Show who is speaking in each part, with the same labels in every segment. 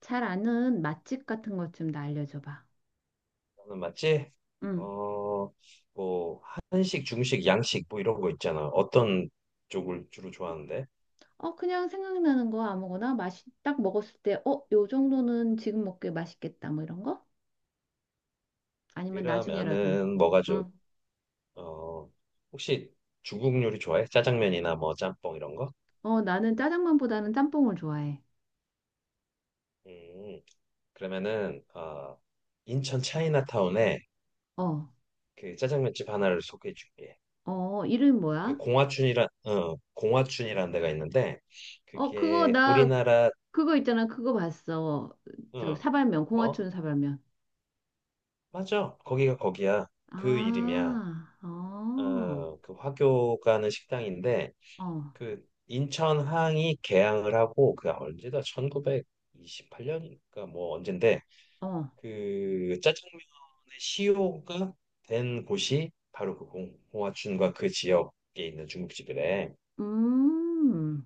Speaker 1: 잘 아는 맛집 같은 것 좀 나 알려줘 봐.
Speaker 2: 나는 맞지?
Speaker 1: 응.
Speaker 2: 어, 뭐 한식, 중식, 양식 뭐 이런 거 있잖아. 어떤 쪽을 주로 좋아하는데?
Speaker 1: 어, 그냥 생각나는 거 아무거나 맛이 딱 먹었을 때, 어, 요 정도는 지금 먹기에 맛있겠다. 뭐 이런 거? 아니면 나중에라도.
Speaker 2: 그러면은 뭐가 좀
Speaker 1: 응.
Speaker 2: 어, 혹시 중국 요리 좋아해? 짜장면이나 뭐 짬뽕 이런 거?
Speaker 1: 어, 나는 짜장면보다는 짬뽕을 좋아해.
Speaker 2: 음, 그러면은 인천 차이나타운에
Speaker 1: 어,
Speaker 2: 그 짜장면집 하나를 소개해 줄게.
Speaker 1: 어, 이름 뭐야?
Speaker 2: 그 공화춘이라는 데가 있는데
Speaker 1: 어, 그거
Speaker 2: 그게
Speaker 1: 나
Speaker 2: 우리나라.
Speaker 1: 그거 있잖아. 그거 봤어. 저
Speaker 2: 어,
Speaker 1: 사발면,
Speaker 2: 뭐?
Speaker 1: 공화춘 사발면.
Speaker 2: 맞아. 거기가 거기야. 그 이름이야.
Speaker 1: 아, 어,
Speaker 2: 어, 그 화교 가는 식당인데
Speaker 1: 어,
Speaker 2: 그 인천항이 개항을 하고 그 언제다 1928년이니까 뭐 언젠데
Speaker 1: 어.
Speaker 2: 그 짜장면의 시효가 된 곳이 바로 그 공화춘과 그 지역에 있는 중국집이래.
Speaker 1: 음,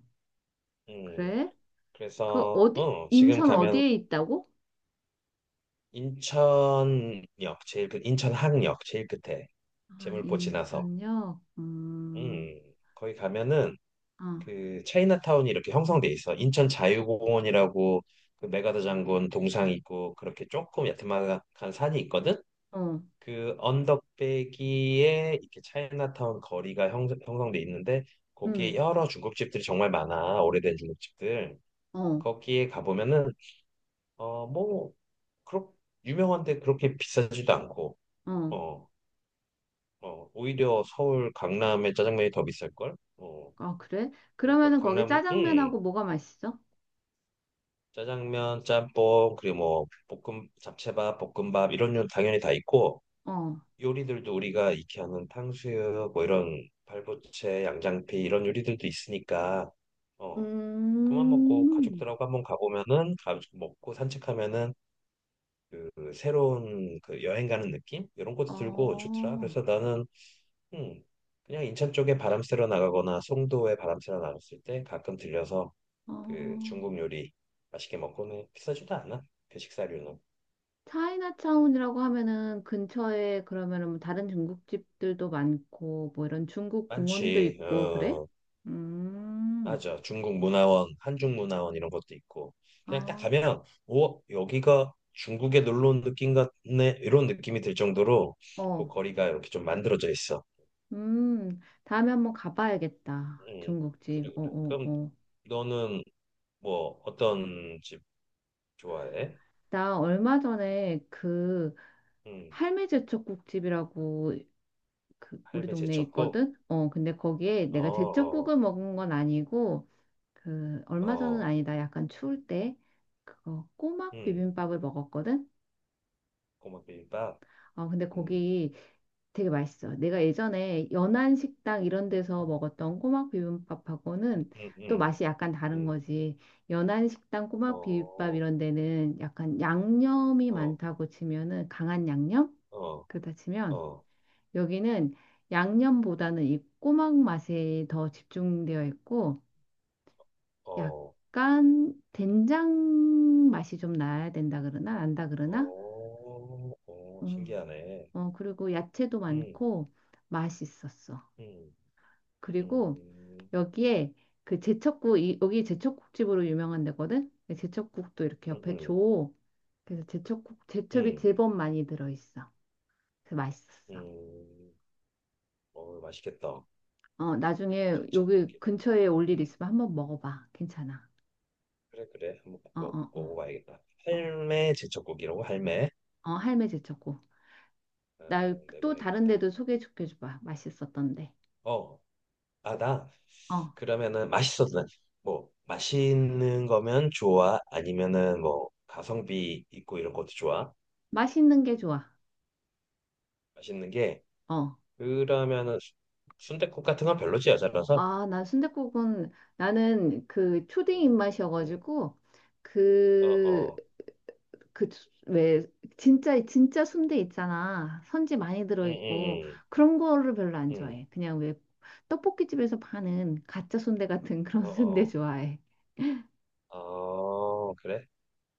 Speaker 2: 음,
Speaker 1: 그래? 그
Speaker 2: 그래서
Speaker 1: 어디,
Speaker 2: 지금
Speaker 1: 인천
Speaker 2: 가면
Speaker 1: 어디에 있다고?
Speaker 2: 인천역 제일 끝 인천항역 제일 끝에
Speaker 1: 아,
Speaker 2: 재물포 지나서
Speaker 1: 인천역?
Speaker 2: 음, 거기 가면은
Speaker 1: 아,
Speaker 2: 그 차이나타운이 이렇게 형성돼 있어. 인천 자유공원이라고 그 메가더 장군 동상 있고 그렇게 조금 야트막한 산이 있거든.
Speaker 1: 어,
Speaker 2: 그 언덕배기에 이렇게 차이나타운 거리가 형성돼 있는데 거기에
Speaker 1: 음.
Speaker 2: 여러 중국집들이 정말 많아. 오래된 중국집들.
Speaker 1: 어,
Speaker 2: 거기에 가보면은 어 뭐 그렇 유명한데 그렇게 비싸지도 않고
Speaker 1: 어.
Speaker 2: 어 오히려 서울 강남의 짜장면이 더 비쌀 걸.
Speaker 1: 아, 그래?
Speaker 2: 그러니까
Speaker 1: 그러면은 거기
Speaker 2: 강남
Speaker 1: 짜장면하고 뭐가 맛있어?
Speaker 2: 짜장면, 짬뽕, 그리고 뭐 볶음 잡채밥, 볶음밥 이런 요 당연히 다 있고
Speaker 1: 어,
Speaker 2: 요리들도 우리가 익히 하는 탕수육 뭐 이런 발부채, 양장피 이런 요리들도 있으니까. 어 그만 먹고
Speaker 1: 음.
Speaker 2: 가족들하고 한번 가보면은 가 먹고 산책하면은 그 새로운 그 여행 가는 느낌 이런 것도 들고
Speaker 1: 어,
Speaker 2: 좋더라. 그래서 나는 음 그냥 인천 쪽에 바람 쐬러 나가거나 송도에 바람 쐬러 나갔을 때 가끔 들려서
Speaker 1: 어.
Speaker 2: 그 중국 요리 맛있게 먹고는 비싸지도 않아. 그 식사료는. 음,
Speaker 1: 차이나타운이라고 하면은 근처에 그러면은 뭐 다른 중국집들도 많고 뭐 이런 중국 공원도
Speaker 2: 많지.
Speaker 1: 있고 그래?
Speaker 2: 어,
Speaker 1: 음,
Speaker 2: 맞아. 중국 문화원, 한중 문화원 이런 것도 있고. 그냥 딱
Speaker 1: 아,
Speaker 2: 가면 오, 여기가 중국에 놀러 온 느낌 같네. 이런 느낌이 들 정도로 그
Speaker 1: 어,
Speaker 2: 거리가 이렇게 좀 만들어져 있어.
Speaker 1: 다음에 한번 가봐야겠다.
Speaker 2: 음,
Speaker 1: 중국집.
Speaker 2: 그래
Speaker 1: 어,
Speaker 2: 그래.
Speaker 1: 어,
Speaker 2: 그럼
Speaker 1: 어.
Speaker 2: 너는 뭐 어떤 집 좋아해?
Speaker 1: 나 얼마 전에 그
Speaker 2: 음,
Speaker 1: 할매 제철국집이라고 그 우리
Speaker 2: 할매
Speaker 1: 동네에
Speaker 2: 제쳤고.
Speaker 1: 있거든? 어, 근데 거기에
Speaker 2: 어,
Speaker 1: 내가 제철국
Speaker 2: 어,
Speaker 1: 을 먹은 건 아니고 그 얼마 전은
Speaker 2: 어.
Speaker 1: 아니다. 약간 추울 때 그거 꼬막
Speaker 2: 음,
Speaker 1: 비빔밥을 먹었거든?
Speaker 2: 고맙 비빔밥.
Speaker 1: 어, 근데
Speaker 2: 음.
Speaker 1: 거기 되게 맛있어. 내가 예전에 연안식당 이런 데서
Speaker 2: 음,
Speaker 1: 먹었던 꼬막 비빔밥하고는 또
Speaker 2: 음.
Speaker 1: 맛이 약간 다른
Speaker 2: 음.
Speaker 1: 거지. 연안식당 꼬막 비빔밥
Speaker 2: 어,
Speaker 1: 이런 데는 약간 양념이
Speaker 2: 어,
Speaker 1: 많다고 치면은 강한 양념?
Speaker 2: 어,
Speaker 1: 그렇다 치면
Speaker 2: 어,
Speaker 1: 여기는 양념보다는 이 꼬막 맛에 더 집중되어 있고
Speaker 2: 어,
Speaker 1: 약간 된장 맛이 좀 나야 된다 그러나 안다 그러나.
Speaker 2: 어, 어,
Speaker 1: 어,
Speaker 2: 신기하네.
Speaker 1: 어, 그리고 야채도
Speaker 2: 음,
Speaker 1: 많고 맛있었어.
Speaker 2: 음,
Speaker 1: 그리고
Speaker 2: 음,
Speaker 1: 여기에 그 제첩국 이, 여기 제첩국집으로 유명한 데거든. 제첩국도 이렇게 옆에
Speaker 2: 음,
Speaker 1: 줘. 그래서 제첩국
Speaker 2: 음,
Speaker 1: 제첩이
Speaker 2: 음,
Speaker 1: 제법 많이 들어 있어. 그래서 맛있었어.
Speaker 2: 음. 어, 맛있겠다.
Speaker 1: 어, 나중에 여기
Speaker 2: 제첩국이다.
Speaker 1: 근처에 올 일
Speaker 2: 음,
Speaker 1: 있으면 한번 먹어봐. 괜찮아.
Speaker 2: 그래, 그래. 한번
Speaker 1: 어, 어, 어,
Speaker 2: 먹어봐야겠다.
Speaker 1: 어,
Speaker 2: 할매 제첩국이라고, 할매.
Speaker 1: 어, 할매 제쳤고. 나
Speaker 2: 어,
Speaker 1: 또 다른
Speaker 2: 내봐야겠다.
Speaker 1: 데도 소개시켜줘봐. 맛있었던데.
Speaker 2: 어, 아, 나,
Speaker 1: 어,
Speaker 2: 그러면은 맛있는 거면 좋아? 아니면은 뭐, 가성비 있고 이런 것도 좋아?
Speaker 1: 맛있는 게 좋아.
Speaker 2: 맛있는 게,
Speaker 1: 어.
Speaker 2: 그러면은 순댓국 같은 건 별로지 여자라서.
Speaker 1: 아, 나 순댓국은 나는 그 초딩
Speaker 2: 음, 음,
Speaker 1: 입맛이어가지고
Speaker 2: 어,
Speaker 1: 그,
Speaker 2: 어,
Speaker 1: 그, 왜, 진짜, 진짜 순대 있잖아. 선지 많이
Speaker 2: 음,
Speaker 1: 들어있고
Speaker 2: 음,
Speaker 1: 그런 거를 별로 안
Speaker 2: 음, 음,
Speaker 1: 좋아해. 그냥 왜 떡볶이집에서 파는 가짜 순대 같은 그런 순대
Speaker 2: 어,
Speaker 1: 좋아해.
Speaker 2: 어, 어, 그래?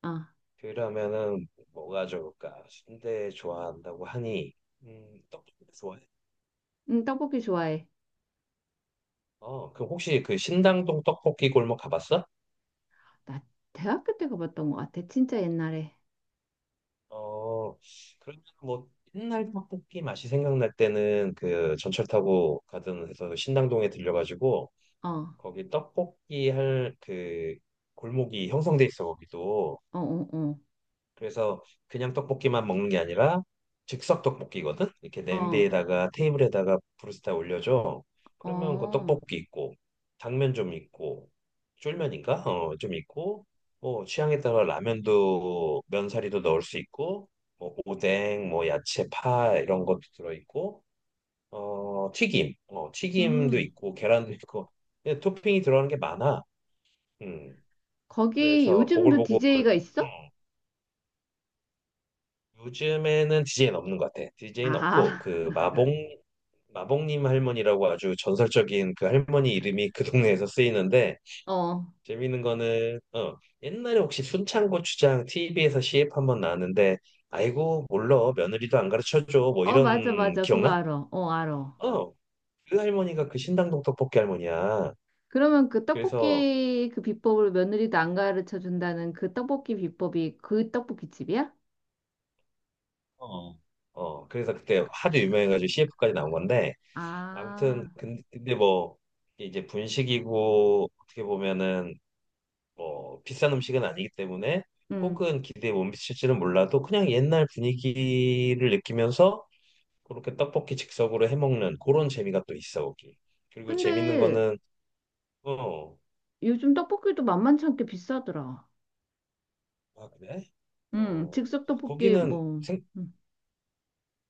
Speaker 1: 어.
Speaker 2: 그러면은 뭐가 좋을까? 순대 좋아한다고 하니, 떡볶이 좋아해?
Speaker 1: 응, 떡볶이 좋아해.
Speaker 2: 어, 그럼 혹시 그 신당동 떡볶이 골목 가봤어?
Speaker 1: 나 대학교 때 가봤던 것 같아. 진짜 옛날에.
Speaker 2: 어, 그러면 뭐 옛날 떡볶이 맛이 생각날 때는 그 전철 타고 가든 해서 신당동에 들려가지고
Speaker 1: 어,
Speaker 2: 거기 떡볶이 할 그 골목이 형성돼 있어 거기도.
Speaker 1: 어, 어,
Speaker 2: 그래서 그냥 떡볶이만 먹는 게 아니라 즉석 떡볶이거든. 이렇게
Speaker 1: 어, 어,
Speaker 2: 냄비에다가 테이블에다가 브루스타 올려줘. 그러면 그
Speaker 1: 어.
Speaker 2: 떡볶이 있고 당면 좀 있고 쫄면인가 좀 있고 뭐 취향에 따라 라면도 면사리도 넣을 수 있고 뭐 오뎅 뭐 야채 파 이런 것도 들어 있고 튀김 튀김도
Speaker 1: 음.
Speaker 2: 있고 계란도 있고. 그냥 토핑이 들어가는 게 많아. 음,
Speaker 1: 거기
Speaker 2: 그래서
Speaker 1: 요즘도
Speaker 2: 보글보글.
Speaker 1: DJ가 있어?
Speaker 2: 음, 요즘에는 DJ는 없는 것 같아. DJ는 없고,
Speaker 1: 아,
Speaker 2: 그, 마봉님 할머니라고 아주 전설적인 그 할머니 이름이 그 동네에서 쓰이는데,
Speaker 1: 어.
Speaker 2: 재밌는 거는, 어, 옛날에 혹시 순창고추장 TV에서 CF 한번 나왔는데, 아이고, 몰라. 며느리도 안 가르쳐줘. 뭐
Speaker 1: 어, 맞아,
Speaker 2: 이런,
Speaker 1: 맞아. 그거
Speaker 2: 기억나?
Speaker 1: 알아. 어, 알아.
Speaker 2: 어, 그 할머니가 그 신당동 떡볶이 할머니야.
Speaker 1: 그러면 그
Speaker 2: 그래서,
Speaker 1: 떡볶이 그 비법을 며느리도 안 가르쳐 준다는 그 떡볶이 비법이 그 떡볶이 집이야?
Speaker 2: 어, 어, 그래서 그때 하도 유명해가지고 CF까지 나온 건데, 아무튼
Speaker 1: 아,
Speaker 2: 근데 뭐 이제 분식이고 어떻게 보면은 뭐 비싼 음식은 아니기 때문에
Speaker 1: 음.
Speaker 2: 혹은 기대에 못 미칠지는 몰라도 그냥 옛날 분위기를 느끼면서 그렇게 떡볶이 즉석으로 해 먹는 그런 재미가 또 있어 거기. 그리고 재밌는
Speaker 1: 근데
Speaker 2: 거는 어,
Speaker 1: 요즘 떡볶이도 만만치 않게 비싸더라.
Speaker 2: 아 그래? 어
Speaker 1: 즉석 떡볶이
Speaker 2: 거기는
Speaker 1: 뭐. 응.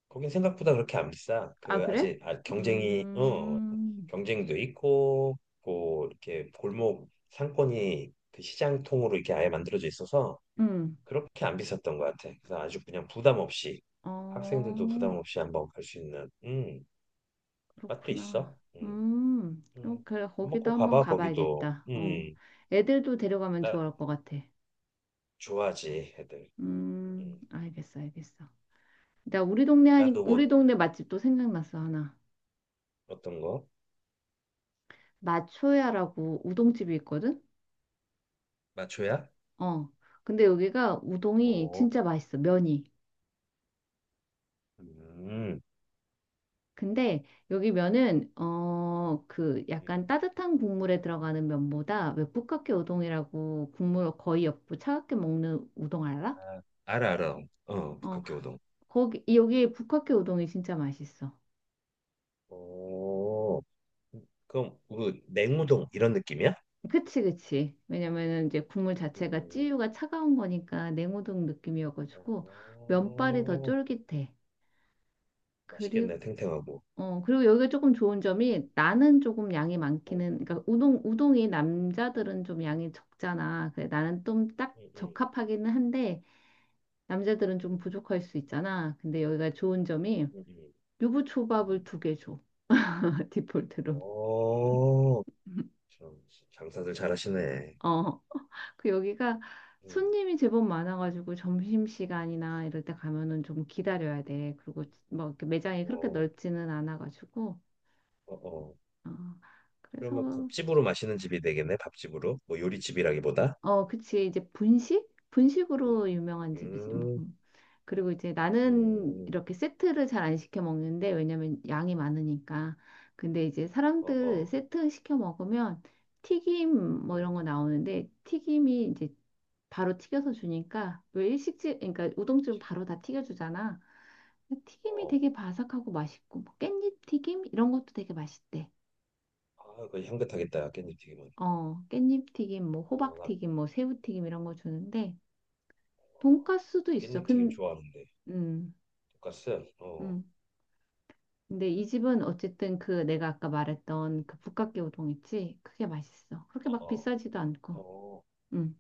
Speaker 2: 거긴 생각보다 그렇게 안 비싸.
Speaker 1: 아,
Speaker 2: 그
Speaker 1: 그래?
Speaker 2: 경쟁이
Speaker 1: 음,
Speaker 2: 경쟁도 있고 고 이렇게 골목 상권이 그 시장통으로 이렇게 아예 만들어져 있어서
Speaker 1: 음,
Speaker 2: 그렇게 안 비쌌던 것 같아. 그래서 아주 그냥 부담 없이
Speaker 1: 어,
Speaker 2: 학생들도 부담 없이 한번 갈 수 있는 맛도
Speaker 1: 그렇구나.
Speaker 2: 있어.
Speaker 1: 어,
Speaker 2: 음.
Speaker 1: 그래,
Speaker 2: 한번
Speaker 1: 거기도
Speaker 2: 꼭
Speaker 1: 한번
Speaker 2: 가봐 거기도.
Speaker 1: 가봐야겠다. 어, 애들도 데려가면
Speaker 2: 나
Speaker 1: 좋을 것 같아.
Speaker 2: 좋아하지 애들. 음,
Speaker 1: 알겠어, 알겠어. 나 우리 동네 하니,
Speaker 2: 나도
Speaker 1: 우리
Speaker 2: 뭐
Speaker 1: 동네 맛집도 생각났어, 하나.
Speaker 2: 어떤 거
Speaker 1: 마초야라고 우동집이 있거든?
Speaker 2: 맞춰야?
Speaker 1: 어, 근데 여기가 우동이
Speaker 2: 어,
Speaker 1: 진짜 맛있어, 면이.
Speaker 2: 음.
Speaker 1: 근데 여기 면은 어 그
Speaker 2: 음.
Speaker 1: 약간 따뜻한 국물에 들어가는 면보다 왜 북각개 우동이라고 국물 거의 없고 차갑게 먹는 우동 알아?
Speaker 2: 아 알아, 알아. 어,
Speaker 1: 어
Speaker 2: 북학교우동.
Speaker 1: 거기 여기 북각개 우동이 진짜 맛있어.
Speaker 2: 오, 그럼 그 냉우동 이런 느낌이야?
Speaker 1: 그치 그치. 왜냐면은 이제 국물 자체가
Speaker 2: 음,
Speaker 1: 찌유가 차가운 거니까 냉우동 느낌이어가지고 면발이 더
Speaker 2: 어,
Speaker 1: 쫄깃해. 그리고
Speaker 2: 맛있겠네, 탱탱하고.
Speaker 1: 어, 그리고 여기가 조금 좋은
Speaker 2: 음,
Speaker 1: 점이 나는 조금 양이
Speaker 2: 어,
Speaker 1: 많기는, 그러니까 우동이 남자들은 좀 양이 적잖아. 그래, 나는 좀 딱
Speaker 2: 음, 음,
Speaker 1: 적합하기는 한데 남자들은 좀
Speaker 2: 음,
Speaker 1: 부족할 수 있잖아. 근데 여기가 좋은 점이
Speaker 2: 음, 음,
Speaker 1: 유부초밥을
Speaker 2: 음.
Speaker 1: 두 개 줘. 디폴트로.
Speaker 2: 어, 참, 장사들 잘하시네.
Speaker 1: 어, 그 여기가
Speaker 2: 음,
Speaker 1: 손님이 제법 많아가지고 점심시간이나 이럴 때 가면은 좀 기다려야 돼. 그리고 뭐 이렇게 매장이 그렇게
Speaker 2: 어,
Speaker 1: 넓지는 않아가지고.
Speaker 2: 어, 어.
Speaker 1: 어,
Speaker 2: 그러면
Speaker 1: 그래서
Speaker 2: 밥집으로 마시는 집이 되겠네, 밥집으로. 뭐 요리집이라기보다.
Speaker 1: 어, 그치. 이제 분식?
Speaker 2: 음,
Speaker 1: 분식으로 유명한 집이지. 뭐.
Speaker 2: 음,
Speaker 1: 그리고 이제 나는
Speaker 2: 음,
Speaker 1: 이렇게 세트를 잘 안 시켜 먹는데, 왜냐면 양이 많으니까. 근데 이제
Speaker 2: 어,
Speaker 1: 사람들
Speaker 2: 어,
Speaker 1: 세트 시켜 먹으면 튀김 뭐
Speaker 2: 음,
Speaker 1: 이런 거 나오는데, 튀김이 이제 바로 튀겨서 주니까, 왜 일식집, 그러니까 우동집은 바로 다 튀겨주잖아. 튀김이
Speaker 2: 어.
Speaker 1: 되게 바삭하고 맛있고, 뭐 깻잎 튀김? 이런 것도 되게 맛있대.
Speaker 2: 아, 그 향긋하겠다. 깻잎 튀김은.
Speaker 1: 어, 깻잎 튀김, 뭐
Speaker 2: 어,
Speaker 1: 호박
Speaker 2: 나
Speaker 1: 튀김, 뭐 새우 튀김 이런 거 주는데,
Speaker 2: 어,
Speaker 1: 돈가스도 있어.
Speaker 2: 깻잎 튀김 좋아하는데.
Speaker 1: 음,
Speaker 2: 돈가스. 어,
Speaker 1: 음. 근데 이 집은 어쨌든 그 내가 아까 말했던 그 북각개 우동 있지? 그게 맛있어. 그렇게 막
Speaker 2: 어,
Speaker 1: 비싸지도
Speaker 2: 어.
Speaker 1: 않고.
Speaker 2: 어,
Speaker 1: 음.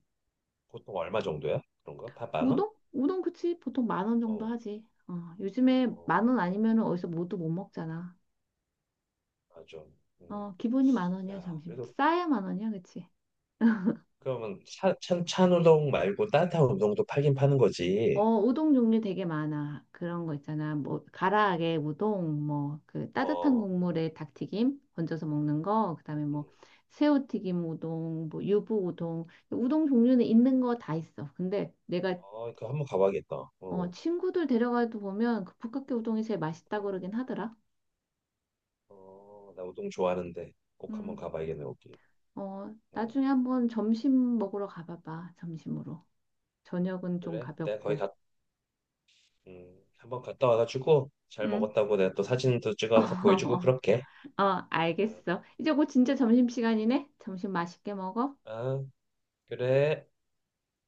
Speaker 2: 보통 얼마 정도야? 그런가? 다 10,000원?
Speaker 1: 우동? 우동 그치? 보통 10,000원 정도
Speaker 2: 어,
Speaker 1: 하지. 어, 요즘에 10,000원
Speaker 2: 어,
Speaker 1: 아니면 은 어디서 뭐도 못 먹잖아.
Speaker 2: 아 좀. 음.
Speaker 1: 어, 기본이 만 원이야,
Speaker 2: 야,
Speaker 1: 점심.
Speaker 2: 그래도
Speaker 1: 싸야 만 원이야, 그치?
Speaker 2: 그러면 찬 우동 말고 따뜻한 우동도 팔긴 파는
Speaker 1: 어,
Speaker 2: 거지.
Speaker 1: 우동 종류 되게 많아. 그런 거 있잖아. 뭐,
Speaker 2: 어,
Speaker 1: 가라아게 우동, 뭐, 그 따뜻한
Speaker 2: 어,
Speaker 1: 국물에 닭튀김 건져서 먹는 거, 그다음에
Speaker 2: 음.
Speaker 1: 뭐, 새우튀김 우동, 뭐, 유부 우동. 우동 종류는 있는 거 다 있어. 근데 내가,
Speaker 2: 어, 그 한 번 가봐야겠다.
Speaker 1: 어,
Speaker 2: 어,
Speaker 1: 친구들 데려가도 보면 그 북극해 우동이 제일
Speaker 2: 어,
Speaker 1: 맛있다고 그러긴 하더라.
Speaker 2: 어, 나 우동 좋아하는데 꼭 한 번
Speaker 1: 음,
Speaker 2: 가봐야겠네 여기.
Speaker 1: 어,
Speaker 2: 어,
Speaker 1: 나중에 한번 점심 먹으러 가봐봐. 점심으로. 저녁은 좀
Speaker 2: 그래? 내가 거기
Speaker 1: 가볍고.
Speaker 2: 한번 갔다 와가지고 잘
Speaker 1: 응.
Speaker 2: 먹었다고 내가 또 사진도 찍어서 보여주고 그렇게.
Speaker 1: 어,
Speaker 2: 어,
Speaker 1: 알겠어. 이제 곧 진짜 점심시간이네? 점심 맛있게 먹어.
Speaker 2: 아, 아, 그래.